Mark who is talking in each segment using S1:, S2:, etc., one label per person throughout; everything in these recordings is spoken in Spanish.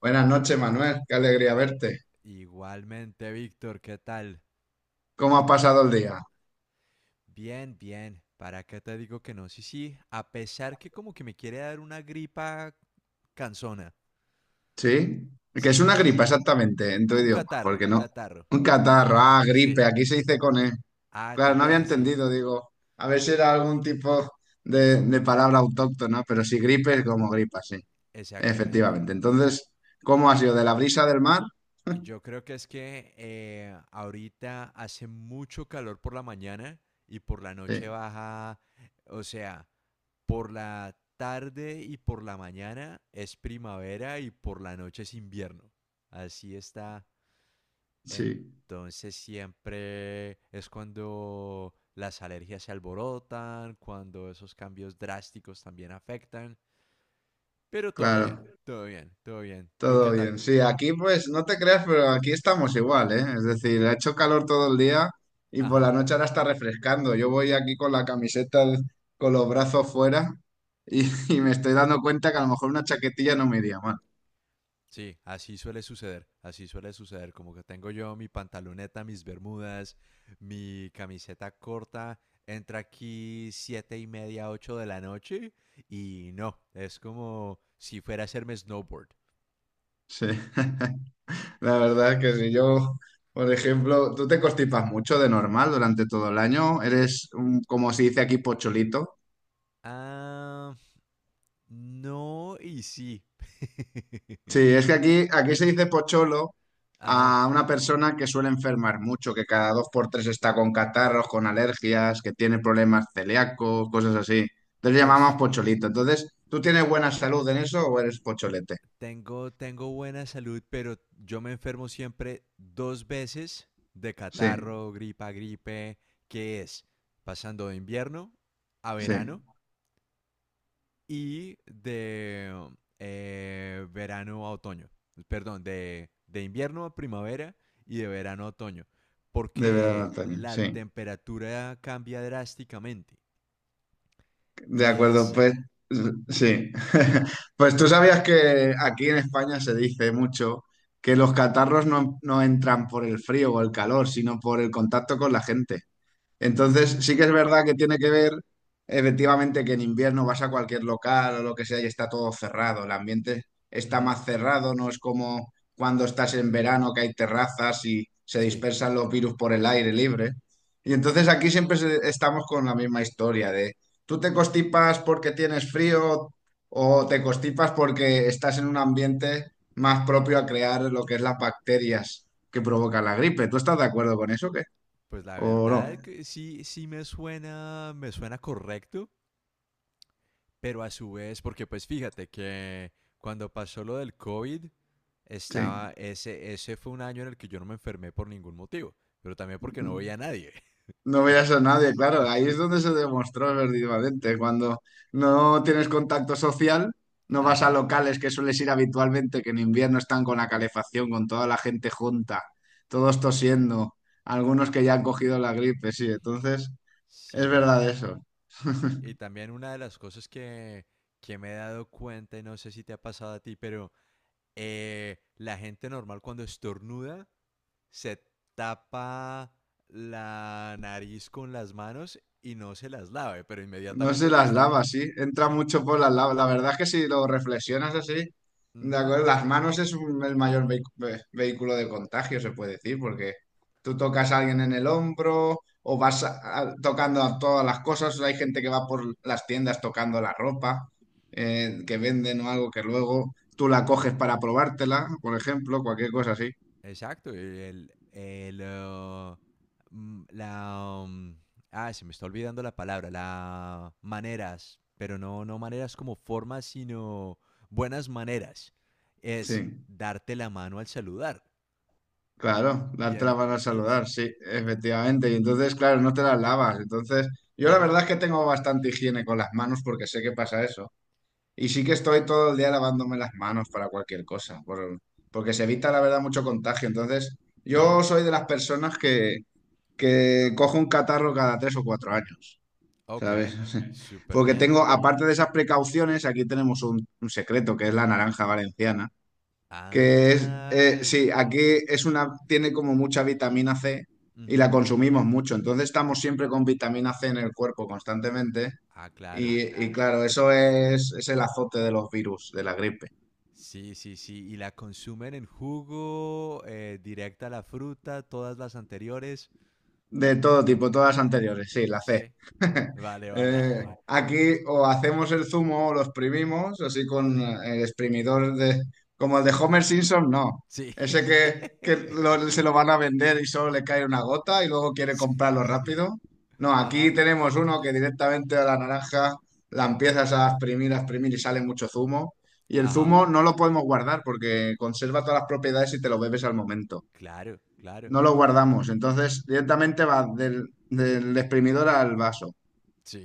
S1: Buenas noches, Manuel. Qué alegría verte.
S2: Igualmente, Víctor, ¿qué tal?
S1: ¿Cómo ha pasado el día?
S2: Bien, bien. ¿Para qué te digo que no? Sí, sí, a pesar que como que me quiere dar una gripa canzona.
S1: ¿Sí? Que es
S2: Sí,
S1: una
S2: sí.
S1: gripa, exactamente, en tu
S2: Un
S1: idioma,
S2: catarro,
S1: porque no.
S2: catarro.
S1: Un catarro, ah,
S2: Sí.
S1: gripe, aquí se dice con E.
S2: Ah,
S1: Claro, no había
S2: también, sí.
S1: entendido, digo. A ver si era algún tipo de palabra autóctona, pero si gripe es como gripa, sí,
S2: Exactamente.
S1: efectivamente. Entonces, ¿cómo ha sido? ¿De la brisa del mar?
S2: Y yo creo que es que ahorita hace mucho calor por la mañana y por la noche
S1: Sí,
S2: baja, o sea, por la tarde y por la mañana es primavera y por la noche es invierno. Así está.
S1: sí,
S2: Entonces siempre es cuando las alergias se alborotan, cuando esos cambios drásticos también afectan. Pero todo bien,
S1: claro.
S2: todo bien, todo bien. ¿Tú
S1: Todo
S2: qué tal?
S1: bien. Sí, aquí pues no te creas, pero aquí estamos igual, ¿eh? Es decir, ha hecho calor todo el día y por
S2: Ajá.
S1: la noche ahora está refrescando. Yo voy aquí con la camiseta al- con los brazos fuera y, y me estoy dando cuenta que a lo mejor una chaquetilla no me iría mal.
S2: Sí, así suele suceder, como que tengo yo mi pantaloneta, mis bermudas, mi camiseta corta, entra aquí 7:30, 8 de la noche y no, es como si fuera a hacerme snowboard.
S1: Sí, la verdad es
S2: Sí,
S1: que
S2: sí.
S1: si yo, por ejemplo, tú te constipas mucho de normal durante todo el año, eres un- como se dice aquí, pocholito.
S2: Ah, no y sí.
S1: Sí, es que aquí, aquí se dice pocholo
S2: Ajá,
S1: a una persona que suele enfermar mucho, que cada dos por tres está con catarros, con alergias, que tiene problemas celíacos, cosas así. Entonces le llamamos
S2: es
S1: pocholito. Entonces, ¿tú tienes buena salud en eso o eres pocholete?
S2: Tengo, tengo buena salud, pero yo me enfermo siempre dos veces de
S1: Sí,
S2: catarro, gripa, gripe, que es pasando de invierno a
S1: sí, de
S2: verano y de verano a otoño. Perdón, de invierno a primavera y de verano a otoño.
S1: verdad,
S2: Porque
S1: Antonio,
S2: la
S1: sí.
S2: temperatura cambia drásticamente.
S1: De
S2: Y
S1: acuerdo,
S2: es...
S1: pues sí. Pues tú sabías que aquí en España se dice mucho que los catarros no entran por el frío o el calor, sino por el contacto con la gente. Entonces, sí que es verdad que tiene que ver, efectivamente, que en invierno vas a cualquier local o lo que sea y está todo cerrado. El ambiente está
S2: Ujú,
S1: más cerrado, no es como cuando estás en verano que hay terrazas y se
S2: sí,
S1: dispersan los virus por el aire libre. Y entonces aquí siempre se- estamos con la misma historia de tú te constipas porque tienes frío o te constipas porque estás en un ambiente más propio a crear lo que es las bacterias que provocan la gripe. ¿Tú estás de acuerdo con eso, o qué?
S2: pues la
S1: ¿O no?
S2: verdad que sí, sí me suena correcto. Pero a su vez, porque pues fíjate que cuando pasó lo del COVID,
S1: Sí.
S2: ese fue un año en el que yo no me enfermé por ningún motivo, pero también porque no veía a nadie.
S1: No veías a nadie, claro, ahí es
S2: Entonces,
S1: donde se demostró efectivamente. Cuando no tienes contacto social, no vas a
S2: ajá,
S1: locales que sueles ir habitualmente, que en invierno están con la calefacción, con toda la gente junta, todos tosiendo, algunos que ya han cogido la gripe, sí, entonces
S2: sí,
S1: es
S2: no.
S1: verdad eso.
S2: Y también una de las cosas que me he dado cuenta, y no sé si te ha pasado a ti, pero la gente normal cuando estornuda se tapa la nariz con las manos y no se las lave, pero
S1: No sé si
S2: inmediatamente
S1: las lavas, sí. Entra
S2: Sí.
S1: mucho por las lavas. La verdad es que si lo reflexionas así, de
S2: Ujú.
S1: acuerdo, las manos es un- el mayor vehi- ve- vehículo de contagio, se puede decir, porque tú tocas a alguien en el hombro o vas a- tocando a todas las cosas. Hay gente que va por las tiendas tocando la ropa que venden o algo que luego tú la coges para probártela, por ejemplo, cualquier cosa así.
S2: Exacto, el, mm, la, um, ah, se me está olvidando la palabra, la maneras, pero no, no maneras como formas, sino buenas maneras. Es
S1: Sí.
S2: darte la mano al saludar.
S1: Claro,
S2: Y
S1: darte la mano al
S2: entonces,
S1: saludar, sí,
S2: eh,
S1: efectivamente. Y entonces, claro, no te las lavas. Entonces, yo la
S2: ujú,
S1: verdad es que tengo bastante higiene con las manos porque sé que pasa eso. Y sí que estoy todo el día lavándome las manos para cualquier cosa, por- porque se evita, la verdad, mucho contagio. Entonces,
S2: ujú,
S1: yo soy de las personas que cojo un catarro cada tres o cuatro años,
S2: ok,
S1: ¿sabes?
S2: súper
S1: Porque
S2: bien.
S1: tengo, aparte de esas precauciones, aquí tenemos un secreto que es la naranja valenciana. Que es,
S2: Ah,
S1: sí, aquí es una, tiene como mucha vitamina C y
S2: ujú,
S1: la consumimos mucho. Entonces estamos siempre con vitamina C en el cuerpo constantemente.
S2: ah, claro.
S1: Y claro, eso es el azote de los virus, de la gripe.
S2: Sí, sí, sí. Y la consumen en jugo, directa a la fruta, todas las anteriores.
S1: De todo tipo, todas anteriores, sí, la C.
S2: Sí, vale, vale.
S1: Aquí o hacemos el zumo o lo exprimimos, así con
S2: Ujú.
S1: el exprimidor de, como el de Homer Simpson, no.
S2: Sí.
S1: Ese que lo- se lo van a vender y solo le cae una gota y luego quiere
S2: Sí.
S1: comprarlo rápido. No, aquí
S2: Ajá,
S1: tenemos uno que directamente a la naranja la empiezas a exprimir y sale mucho zumo. Y el
S2: ajá.
S1: zumo no lo podemos guardar porque conserva todas las propiedades y te lo bebes al momento
S2: Claro, claro.
S1: no lo guardamos. Entonces, directamente va del exprimidor al vaso.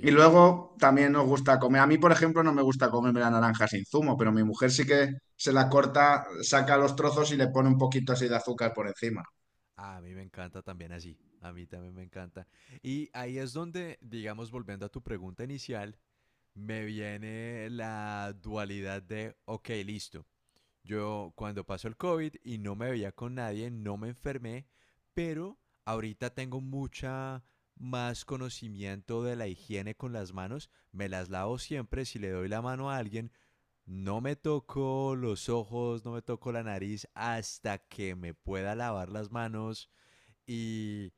S1: Y luego también nos gusta comer. A mí, por ejemplo, no me gusta comerme la naranja sin zumo, pero mi mujer sí que se la corta, saca los trozos y le pone un poquito así de azúcar por encima.
S2: A mí me encanta también así. A mí también me encanta. Y ahí es donde, digamos, volviendo a tu pregunta inicial, me viene la dualidad de, ok, listo. Yo cuando pasó el COVID y no me veía con nadie, no me enfermé, pero ahorita tengo mucha más conocimiento de la higiene con las manos. Me las lavo siempre si le doy la mano a alguien. No me toco los ojos, no me toco la nariz hasta que me pueda lavar las manos y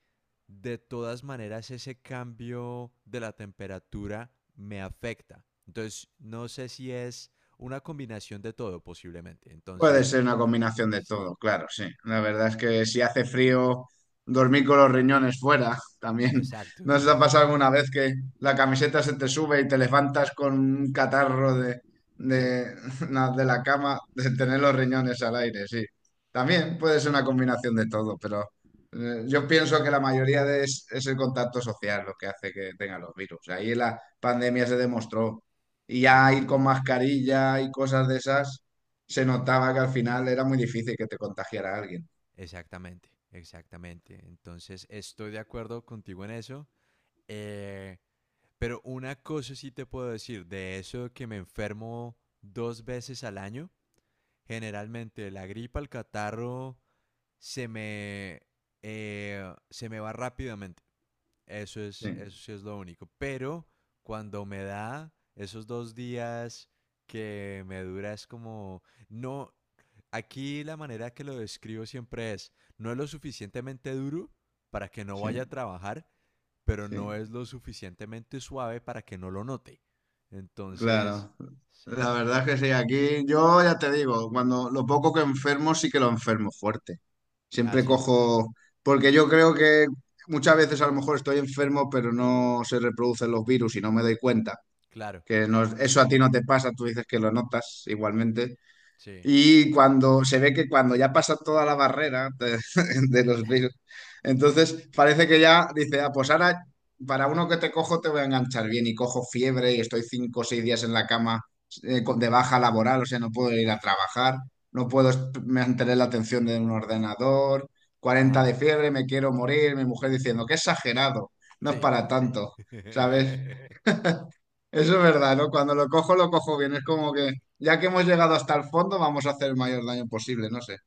S2: de todas maneras ese cambio de la temperatura me afecta. Entonces, no sé si es una combinación de todo posiblemente.
S1: Puede
S2: Entonces,
S1: ser una combinación de
S2: sí,
S1: todo, claro, sí. La verdad es que si hace frío, dormir con los riñones fuera también.
S2: exacto.
S1: ¿No se te ha pasado alguna vez que la camiseta se te sube y te levantas con un catarro de,
S2: Sí,
S1: de, na- de la cama de tener los riñones al aire? Sí. También puede ser una combinación de todo, pero yo pienso que la mayoría de es el contacto social lo que hace que tengan los virus. Ahí la pandemia se demostró. Y ya ir con
S2: totalmente.
S1: mascarilla y cosas de esas se notaba que al final era muy difícil que te contagiara alguien.
S2: Exactamente, exactamente. Entonces, estoy de acuerdo contigo en eso. Eh, pero una cosa sí te puedo decir, de eso que me enfermo dos veces al año, generalmente la gripa, el catarro se me, se me va rápidamente. Eso es,
S1: Sí,
S2: eso sí es lo único. Pero cuando me da esos 2 días que me dura es como, no, aquí la manera que lo describo siempre es, no es lo suficientemente duro para que no vaya
S1: sí,
S2: a trabajar, pero
S1: sí,
S2: no es lo suficientemente suave para que no lo note. Entonces,
S1: claro. La
S2: sí.
S1: verdad es que sí, aquí yo ya te digo, cuando lo
S2: Ujú.
S1: poco que
S2: Mm.
S1: enfermo sí que lo enfermo fuerte.
S2: Ah,
S1: Siempre
S2: sí,
S1: cojo, porque yo creo que muchas veces a lo mejor estoy enfermo, pero no se reproducen los virus y no me doy cuenta.
S2: claro,
S1: Que no- eso a ti no te pasa, tú dices que lo notas igualmente.
S2: sí.
S1: Y cuando se ve que cuando ya pasa toda la barrera de, de los Bills, entonces parece que ya dice, ah, pues ahora para uno que te cojo te voy a enganchar bien y cojo fiebre y estoy cinco o seis días en la cama con- de baja laboral, o sea, no puedo ir a
S2: Y...
S1: trabajar, no puedo est- mantener la atención de un ordenador, cuarenta
S2: Ajá,
S1: de fiebre, me quiero morir, mi mujer
S2: uy,
S1: diciendo,
S2: no.
S1: qué exagerado, no es
S2: Sí.
S1: para tanto, ¿sabes? Eso es verdad, ¿no? Cuando lo cojo bien. Es como que ya que hemos llegado hasta el fondo, vamos a hacer el mayor daño posible, no sé.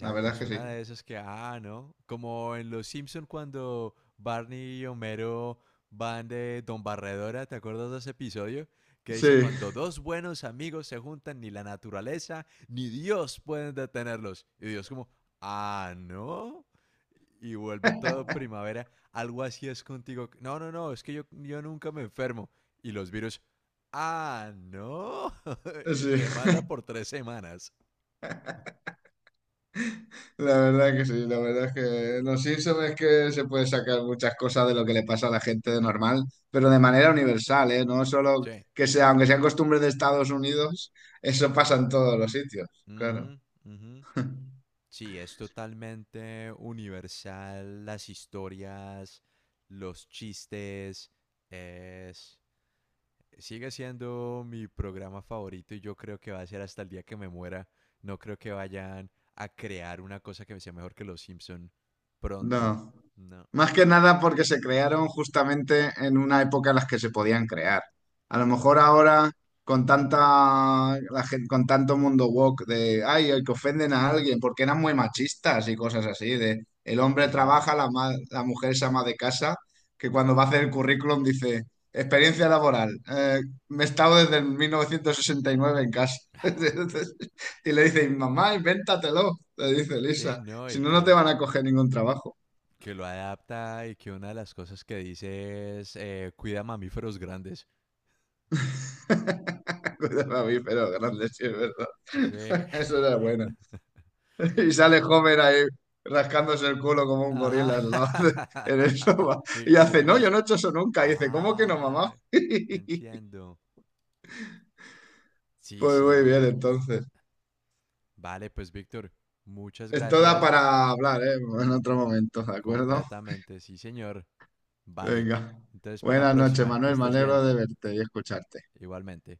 S1: La verdad es
S2: es
S1: que sí.
S2: una de esas que, ah, ¿no? Como en Los Simpson cuando Barney y Homero van de Don Barredora, ¿te acuerdas de ese episodio? Que dice,
S1: Sí,
S2: cuando dos buenos amigos se juntan, ni la naturaleza ni Dios pueden detenerlos. Y Dios como, ah, ¿no? Y vuelve todo primavera, algo así es contigo. No, no, no, es que yo nunca me enfermo. Y los virus, ah, ¿no? y
S1: sí,
S2: te manda por 3 semanas.
S1: la verdad que sí, la verdad es que los Simpsons es que se puede sacar muchas cosas de lo que le pasa a la gente de normal, pero de manera universal, ¿eh? No solo
S2: Sí.
S1: que sea, aunque sean costumbres de Estados Unidos, eso pasa en todos los sitios, claro.
S2: Ujú, ujú. Sí, es totalmente universal. Las historias, los chistes. Es... Sigue siendo mi programa favorito y yo creo que va a ser hasta el día que me muera. No creo que vayan a crear una cosa que sea mejor que Los Simpson pronto.
S1: No.
S2: No.
S1: Más que nada porque se crearon justamente en una época en las que se podían crear. A lo mejor ahora con tanta la gen- con tanto mundo woke de ay, el que ofenden a alguien porque eran muy machistas y cosas así de el hombre
S2: Ujú.
S1: trabaja, la ma- la mujer se ama de casa, que cuando va a hacer el currículum dice experiencia laboral, me he estado desde el 1969 en casa. Y le dice, mamá, invéntatelo, le dice
S2: Sí,
S1: Lisa,
S2: no,
S1: si
S2: y
S1: no, no te
S2: que,
S1: van a coger ningún trabajo.
S2: que lo adapta y que una de las cosas que dice es cuida mamíferos grandes.
S1: Cuidado a mí, pero gran leche, es verdad.
S2: Sí.
S1: Eso era bueno. Y sale Homer ahí rascándose el culo como un
S2: Ajá.
S1: gorila al lado de- en el sofá.
S2: Y
S1: Y
S2: como
S1: hace,
S2: que
S1: no, yo
S2: marcha.
S1: no he hecho eso nunca. Y dice, ¿cómo que no, mamá?
S2: Ah, entiendo. Sí,
S1: Pues
S2: sí,
S1: muy
S2: muy
S1: bien,
S2: bueno.
S1: entonces.
S2: Vale, pues Víctor, muchas
S1: Esto da
S2: gracias.
S1: para hablar, ¿eh? En otro momento, ¿de acuerdo?
S2: Completamente, sí, señor. Vale.
S1: Venga.
S2: Entonces, para la
S1: Buenas noches,
S2: próxima, que
S1: Manuel. Me
S2: estés bien.
S1: alegro de verte y escucharte.
S2: Igualmente.